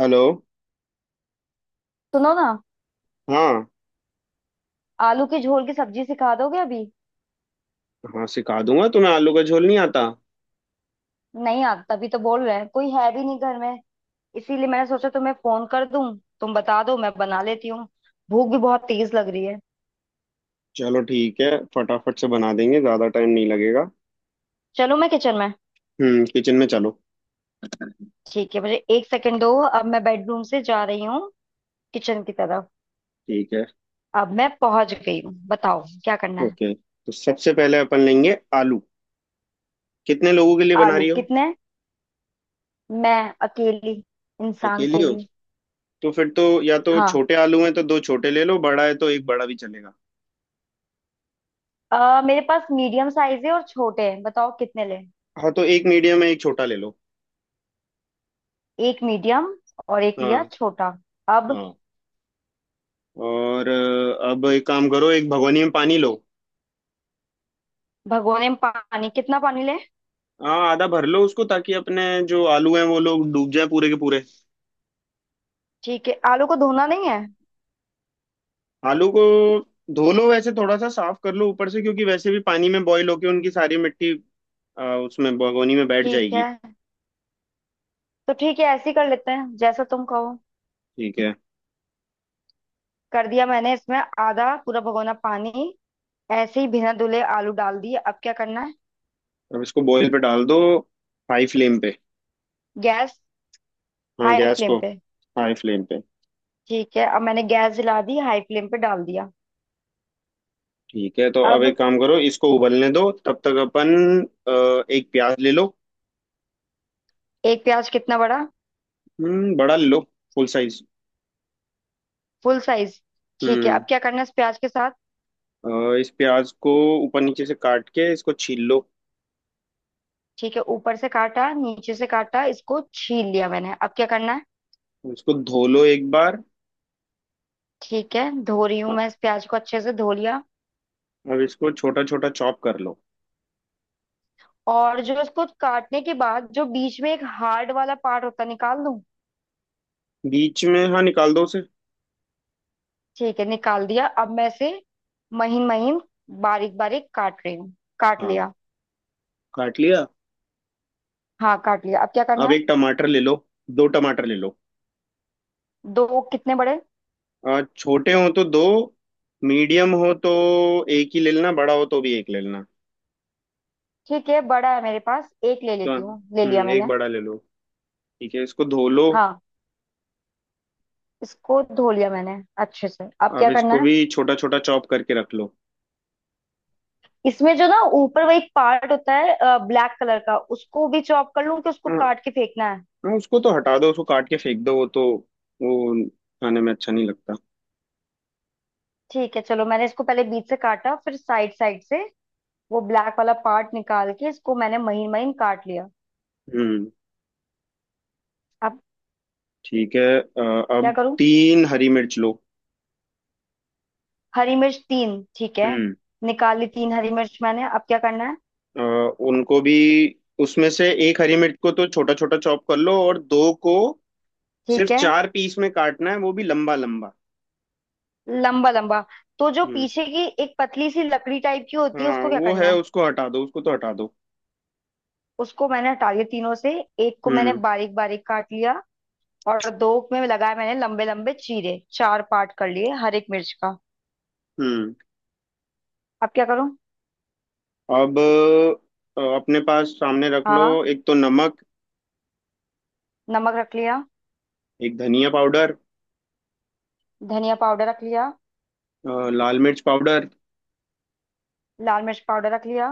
Hello. सुनो ना। हाँ। आलू के झोल की सब्जी सिखा दोगे अभी? हाँ, सिखा दूंगा। तुम्हें आलू का झोल नहीं आता। नहीं आता, तभी तो बोल रहे हैं, कोई है भी नहीं घर में। इसीलिए मैंने सोचा तुम्हें फोन कर दूं। तुम बता दो, मैं बना लेती हूँ। भूख भी बहुत तेज लग रही है। चलो ठीक है। फटाफट से बना देंगे, ज्यादा टाइम नहीं लगेगा। चलो, मैं किचन में। किचन में चलो। ठीक है, मुझे 1 सेकंड दो, अब मैं बेडरूम से जा रही हूँ किचन की तरफ। ठीक है। अब मैं पहुंच गई हूँ, बताओ क्या करना है? ओके, तो सबसे पहले अपन लेंगे आलू। कितने लोगों के लिए बना आलू रही हो? कितने? मैं अकेली इंसान अकेली के हो? लिए। तो फिर तो या तो हाँ। छोटे आलू हैं तो दो छोटे ले लो, बड़ा है तो एक बड़ा भी चलेगा। मेरे पास मीडियम साइज है और छोटे हैं, बताओ कितने लें? हाँ, तो एक मीडियम है एक छोटा ले लो। एक मीडियम और एक लिया हाँ। छोटा। अब हाँ, और अब एक काम करो, एक भगोनी में पानी लो। भगोने में पानी, कितना पानी ले? हाँ, आधा भर लो उसको ताकि अपने जो आलू हैं वो लोग डूब जाए पूरे के पूरे। ठीक है, आलू को धोना नहीं है? आलू को धो लो, वैसे थोड़ा सा साफ कर लो ऊपर से क्योंकि वैसे भी पानी में बॉईल होके उनकी सारी मिट्टी उसमें भगोनी में बैठ ठीक है, जाएगी। तो ठीक है, ऐसे ही कर लेते हैं जैसा तुम कहो। ठीक है। कर दिया मैंने, इसमें आधा पूरा भगोना पानी। ऐसे ही बिना धुले आलू डाल दिए, अब क्या करना है? अब इसको बॉईल पे डाल दो, हाई फ्लेम पे। गैस हाँ, हाई गैस फ्लेम को पे? हाई फ्लेम पे। ठीक है, अब मैंने गैस जला दी, हाई फ्लेम पे डाल दिया। ठीक है, तो अब अब एक काम करो, इसको उबलने दो। तब तक अपन एक प्याज ले लो। एक प्याज, कितना बड़ा? बड़ा ले लो, फुल साइज। फुल साइज ठीक है, अब हम्म क्या करना है इस प्याज के साथ? इस प्याज को ऊपर नीचे से काट के इसको छील लो। ठीक है, ऊपर से काटा, नीचे से काटा, इसको छील लिया मैंने, अब क्या करना है? इसको धो लो एक बार। ठीक है, धो रही हूँ हाँ, मैं, इस प्याज को अच्छे से धो लिया। अब इसको छोटा छोटा चॉप कर लो। और जो इसको काटने के बाद जो बीच में एक हार्ड वाला पार्ट होता है, निकाल दूं? बीच में हाँ, निकाल दो उसे। ठीक है, निकाल दिया, अब मैं इसे महीन महीन बारीक बारीक काट रही हूँ। काट हाँ, लिया। काट लिया। हाँ काट लिया, अब क्या करना अब है? एक टमाटर ले लो, दो टमाटर ले लो। दो? कितने बड़े? छोटे हो तो दो, मीडियम हो तो एक ही ले लेना, बड़ा हो तो भी एक ले लेना। ठीक है, बड़ा है मेरे पास, एक ले तो लेती हूँ। ले लिया एक मैंने। बड़ा ले लो। ठीक है, इसको धो लो। हाँ। इसको धो लिया मैंने अच्छे से, अब अब क्या इसको करना है? भी छोटा छोटा चॉप करके रख लो। इसमें जो ना ऊपर वो एक पार्ट होता है ब्लैक कलर का, उसको भी चॉप कर लूं कि उसको हाँ। काट के फेंकना है? हाँ, उसको तो हटा दो, उसको काट के फेंक दो। वो तो वो खाने में अच्छा नहीं लगता। ठीक है चलो, मैंने इसको पहले बीच से काटा फिर साइड साइड से, वो ब्लैक वाला पार्ट निकाल के इसको मैंने महीन महीन काट लिया। हम्म। अब ठीक है। क्या अब करूं? तीन हरी मिर्च लो। हरी मिर्च तीन, ठीक है। हम्म निकाली तीन हरी मिर्च मैंने, अब क्या करना है? उनको भी उसमें से एक हरी मिर्च को तो छोटा छोटा चॉप कर लो और दो को सिर्फ ठीक है। चार पीस में काटना है, वो भी लंबा लंबा। लंबा लंबा? तो जो हम्म। पीछे की एक पतली सी लकड़ी टाइप की होती है, हाँ, उसको क्या वो है, करना है? उसको हटा दो, उसको तो हटा दो। उसको मैंने हटा लिया तीनों से। एक को मैंने हम्म। बारीक बारीक काट लिया और दो में लगाया मैंने लंबे लंबे चीरे, चार पार्ट कर लिए हर एक मिर्च का। हम्म। अब क्या करूं? अब अपने पास सामने रख लो। हाँ। एक तो नमक। नमक रख लिया। एक धनिया पाउडर। धनिया पाउडर रख लिया। लाल मिर्च पाउडर। लाल मिर्च पाउडर रख लिया।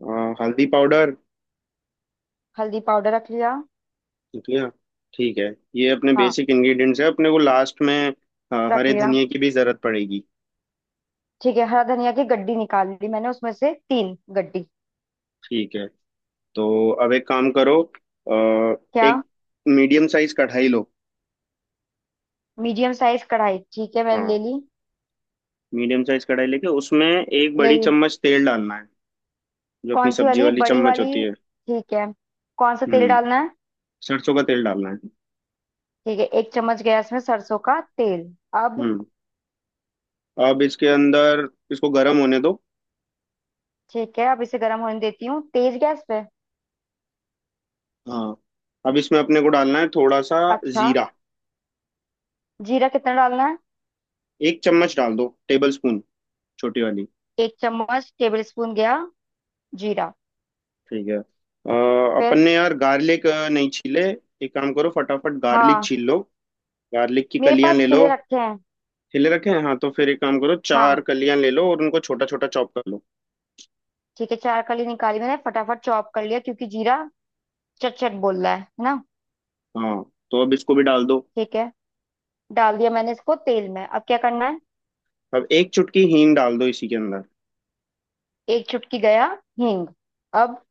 हल्दी पाउडर। हल्दी पाउडर रख लिया। ठीक है। ठीक है। ये अपने हाँ बेसिक इंग्रेडिएंट्स है, अपने को लास्ट में रख हरे लिया। धनिए की भी जरूरत पड़ेगी। ठीक है, हरा धनिया की गड्डी निकाल ली मैंने, उसमें से 3 गड्डी। ठीक है, तो अब एक काम करो, क्या? एक मीडियम साइज कढ़ाई लो। मीडियम साइज कढ़ाई ठीक है, मैंने ले हाँ, ली। मीडियम साइज कढ़ाई लेके उसमें एक ले बड़ी ली। चम्मच तेल डालना है। जो अपनी कौन सी सब्जी वाली, वाली बड़ी चम्मच होती वाली? है। ठीक है, कौन सा तेल हम्म डालना है? सरसों का तेल डालना है। ठीक है, एक चम्मच गैस में सरसों का तेल। अब? हम्म अब इसके अंदर इसको गर्म होने दो। ठीक है, अब इसे गर्म होने देती हूँ तेज गैस पे। हाँ, अब इसमें अपने को डालना है थोड़ा सा अच्छा। जीरा। जीरा कितना डालना है? एक चम्मच डाल दो, टेबल स्पून, छोटी वाली। एक चम्मच टेबल स्पून गया जीरा। ठीक है। अपन फिर? ने यार गार्लिक नहीं छीले। एक काम करो फटाफट गार्लिक हाँ, छील लो। गार्लिक की मेरे कलियां पास ले लो। छिले रखे हैं। छिले रखे हैं, हाँ, तो फिर एक काम करो चार हाँ, कलियां ले लो और उनको छोटा छोटा चॉप कर लो। ठीक है, 4 कली निकाली मैंने, फटाफट चॉप कर लिया, क्योंकि जीरा चट चट बोल रहा है ना? हाँ, तो अब इसको भी डाल दो। ठीक है, डाल दिया मैंने इसको तेल में, अब क्या करना है? अब एक चुटकी हींग डाल दो इसी के अंदर। एक चुटकी गया हींग। अब?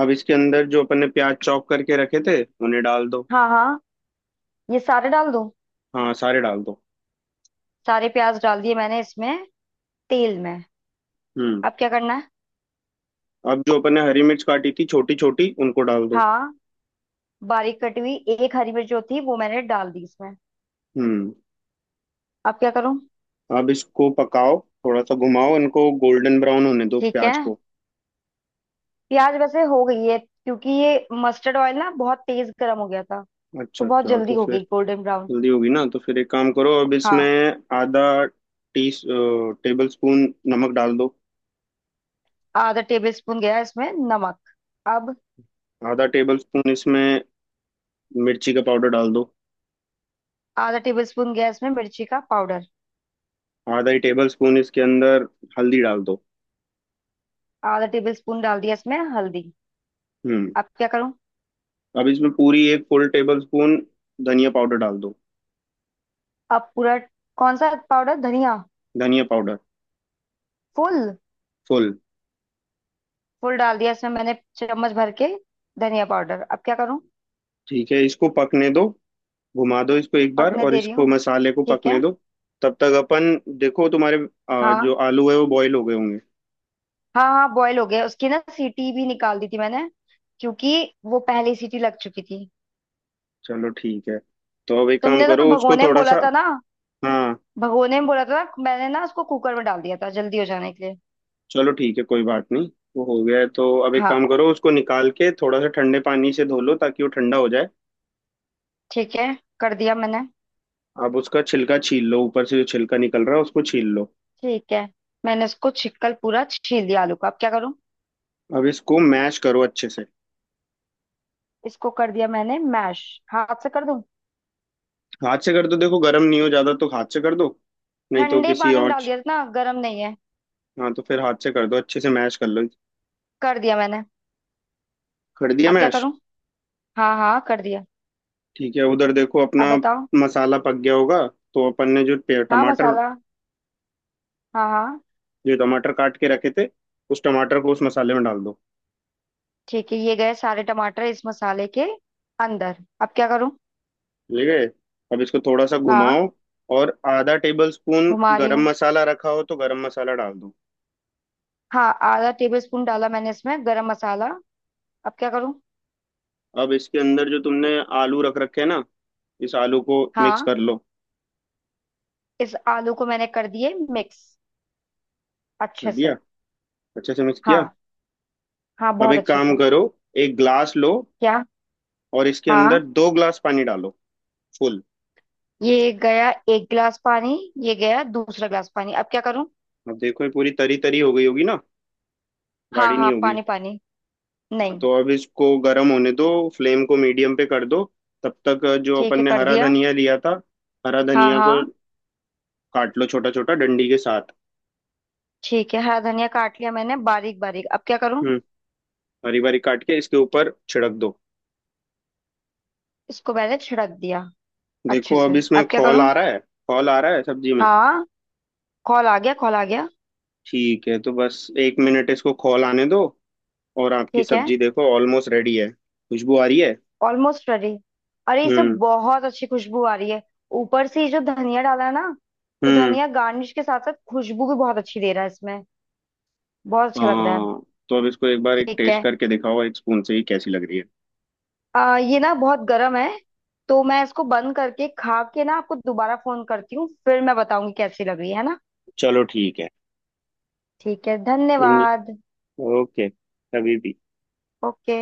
अब इसके अंदर जो अपन ने प्याज चॉप करके रखे थे उन्हें डाल दो। हाँ हाँ, ये सारे डाल दूं? हाँ, सारे डाल दो। सारे प्याज डाल दिए मैंने इसमें, तेल में। हम्म अब क्या करना है? अब जो अपन ने हरी मिर्च काटी थी छोटी छोटी, उनको डाल दो। हाँ। बारीक कटी हुई एक हरी मिर्च जो थी वो मैंने डाल दी इसमें। हम्म अब क्या करूं? अब इसको पकाओ, थोड़ा सा घुमाओ, इनको गोल्डन ब्राउन होने दो, ठीक है। प्याज को। प्याज वैसे हो गई है, क्योंकि ये मस्टर्ड ऑयल ना बहुत तेज गर्म हो गया था। तो अच्छा, बहुत अच्छा, जल्दी तो हो फिर। गई गोल्डन ब्राउन। जल्दी होगी ना, तो फिर एक काम करो, अब इसमें हाँ, आधा टी टेबल स्पून नमक डाल दो। आधा टेबल स्पून गया इसमें नमक। अब? आधा टेबल स्पून इसमें मिर्ची का पाउडर डाल दो। आधा टेबल स्पून गया इसमें मिर्ची का पाउडर। आधा ही टेबल स्पून इसके अंदर हल्दी डाल दो। आधा टेबल स्पून डाल दिया इसमें हल्दी। हम्म अब क्या करूं? अब इसमें पूरी एक फुल टेबल स्पून धनिया पाउडर डाल दो। अब पूरा? कौन सा पाउडर, धनिया? धनिया पाउडर। फुल? फुल। फुल डाल दिया इसमें मैंने, चम्मच भर के धनिया पाउडर। अब क्या करूं? ठीक है, इसको पकने दो, घुमा दो इसको एक बार, पकने और दे रही इसको हूँ, मसाले को ठीक पकने है। दो। तब तक अपन देखो तुम्हारे जो हाँ। आलू है वो बॉईल हो गए होंगे। हाँ हाँ बॉयल हो गया, उसकी ना सीटी भी निकाल दी थी मैंने, क्योंकि वो पहली सीटी लग चुकी थी। चलो ठीक है, तो अब एक काम तुमने तो करो, उसको भगोने में थोड़ा बोला सा। था ना। हाँ, भगोने में बोला था ना, मैंने ना उसको कुकर में डाल दिया था जल्दी हो जाने के लिए। चलो ठीक है, कोई बात नहीं। वो हो गया है तो अब एक हाँ, काम करो, उसको निकाल के थोड़ा सा ठंडे पानी से धो लो ताकि वो ठंडा हो जाए। ठीक है, कर दिया मैंने। अब उसका छिलका छील लो, ऊपर से जो छिलका निकल रहा है उसको छील लो। ठीक है, मैंने उसको छिकल पूरा छील दिया आलू का। अब क्या करूं? अब इसको मैश करो अच्छे से। इसको कर दिया मैंने मैश। हाथ से कर दूं? हाथ से कर दो, देखो गर्म नहीं हो ज्यादा तो हाथ से कर दो, नहीं तो ठंडे किसी पानी में और डाल च- दिया ना, गर्म नहीं है। हाँ, तो फिर हाथ से कर दो, अच्छे से मैश कर लो। कर दिया मैंने। कर दिया अब क्या मैश। करूं? हाँ हाँ, कर दिया। ठीक है, उधर देखो अपना अब बताओ। मसाला पक गया होगा। तो अपन ने जो हाँ टमाटर, मसाला। हाँ हाँ। जो टमाटर काट के रखे थे उस टमाटर को उस मसाले में डाल दो। ठीक है, ये गए सारे टमाटर इस मसाले के अंदर। अब क्या करूं? ठीक है, अब इसको थोड़ा सा हाँ, घुमाओ। और आधा टेबल स्पून घुमा रही गरम हूँ। मसाला रखा हो तो गरम मसाला डाल दो। हाँ, आधा टेबल स्पून डाला मैंने इसमें गरम मसाला। अब क्या करूं? अब इसके अंदर जो तुमने आलू रख रखे हैं ना, इस आलू को मिक्स हाँ। कर लो। इस आलू को मैंने कर दिए मिक्स, कर अच्छे से। दिया, अच्छे से मिक्स किया। हाँ हाँ, अब बहुत एक अच्छे काम से। करो, एक ग्लास लो। क्या? और इसके अंदर हाँ, दो ग्लास पानी डालो, फुल। ये गया 1 गिलास पानी। ये गया दूसरा गिलास पानी। अब क्या करूं? अब देखो ये पूरी तरी तरी हो गई होगी ना, हाँ गाढ़ी नहीं हाँ, होगी। पानी पानी, हाँ, नहीं। तो अब इसको गर्म होने दो, फ्लेम को मीडियम पे कर दो। तब तक जो ठीक अपन है, ने कर हरा दिया। धनिया लिया था, हरा हाँ धनिया को हाँ, काट लो, छोटा छोटा डंडी के साथ। ठीक है। हरा धनिया काट लिया मैंने बारीक बारीक, अब क्या करूं? हम्म हरी बारी काट के इसके ऊपर छिड़क दो। इसको पहले छिड़क दिया। अच्छे देखो अब से। इसमें अब क्या खौल करूं? आ रहा है, खौल आ रहा है सब्जी में। हाँ, कॉल आ गया, कॉल आ गया। ठीक है, तो बस एक मिनट इसको खौल आने दो। और आपकी ठीक है। सब्जी देखो ऑलमोस्ट रेडी है, खुशबू आ रही है। Almost ready. अरे, इसे हम्म। बहुत अच्छी खुशबू आ रही है। ऊपर से ये जो धनिया डाला है ना, तो हम्म। धनिया गार्निश के साथ साथ खुशबू भी बहुत अच्छी दे रहा है इसमें। बहुत अच्छा लग रहा है। हाँ, तो अब इसको एक बार एक ठीक टेस्ट है। करके दिखाओ, एक स्पून से ही कैसी लग रही है। ये ना बहुत गर्म है, तो मैं इसको बंद करके खा के ना आपको दोबारा फोन करती हूँ, फिर मैं बताऊंगी कैसी लग रही है ना। चलो ठीक है। ठीक है, इन धन्यवाद। ओके, कभी भी। ओके।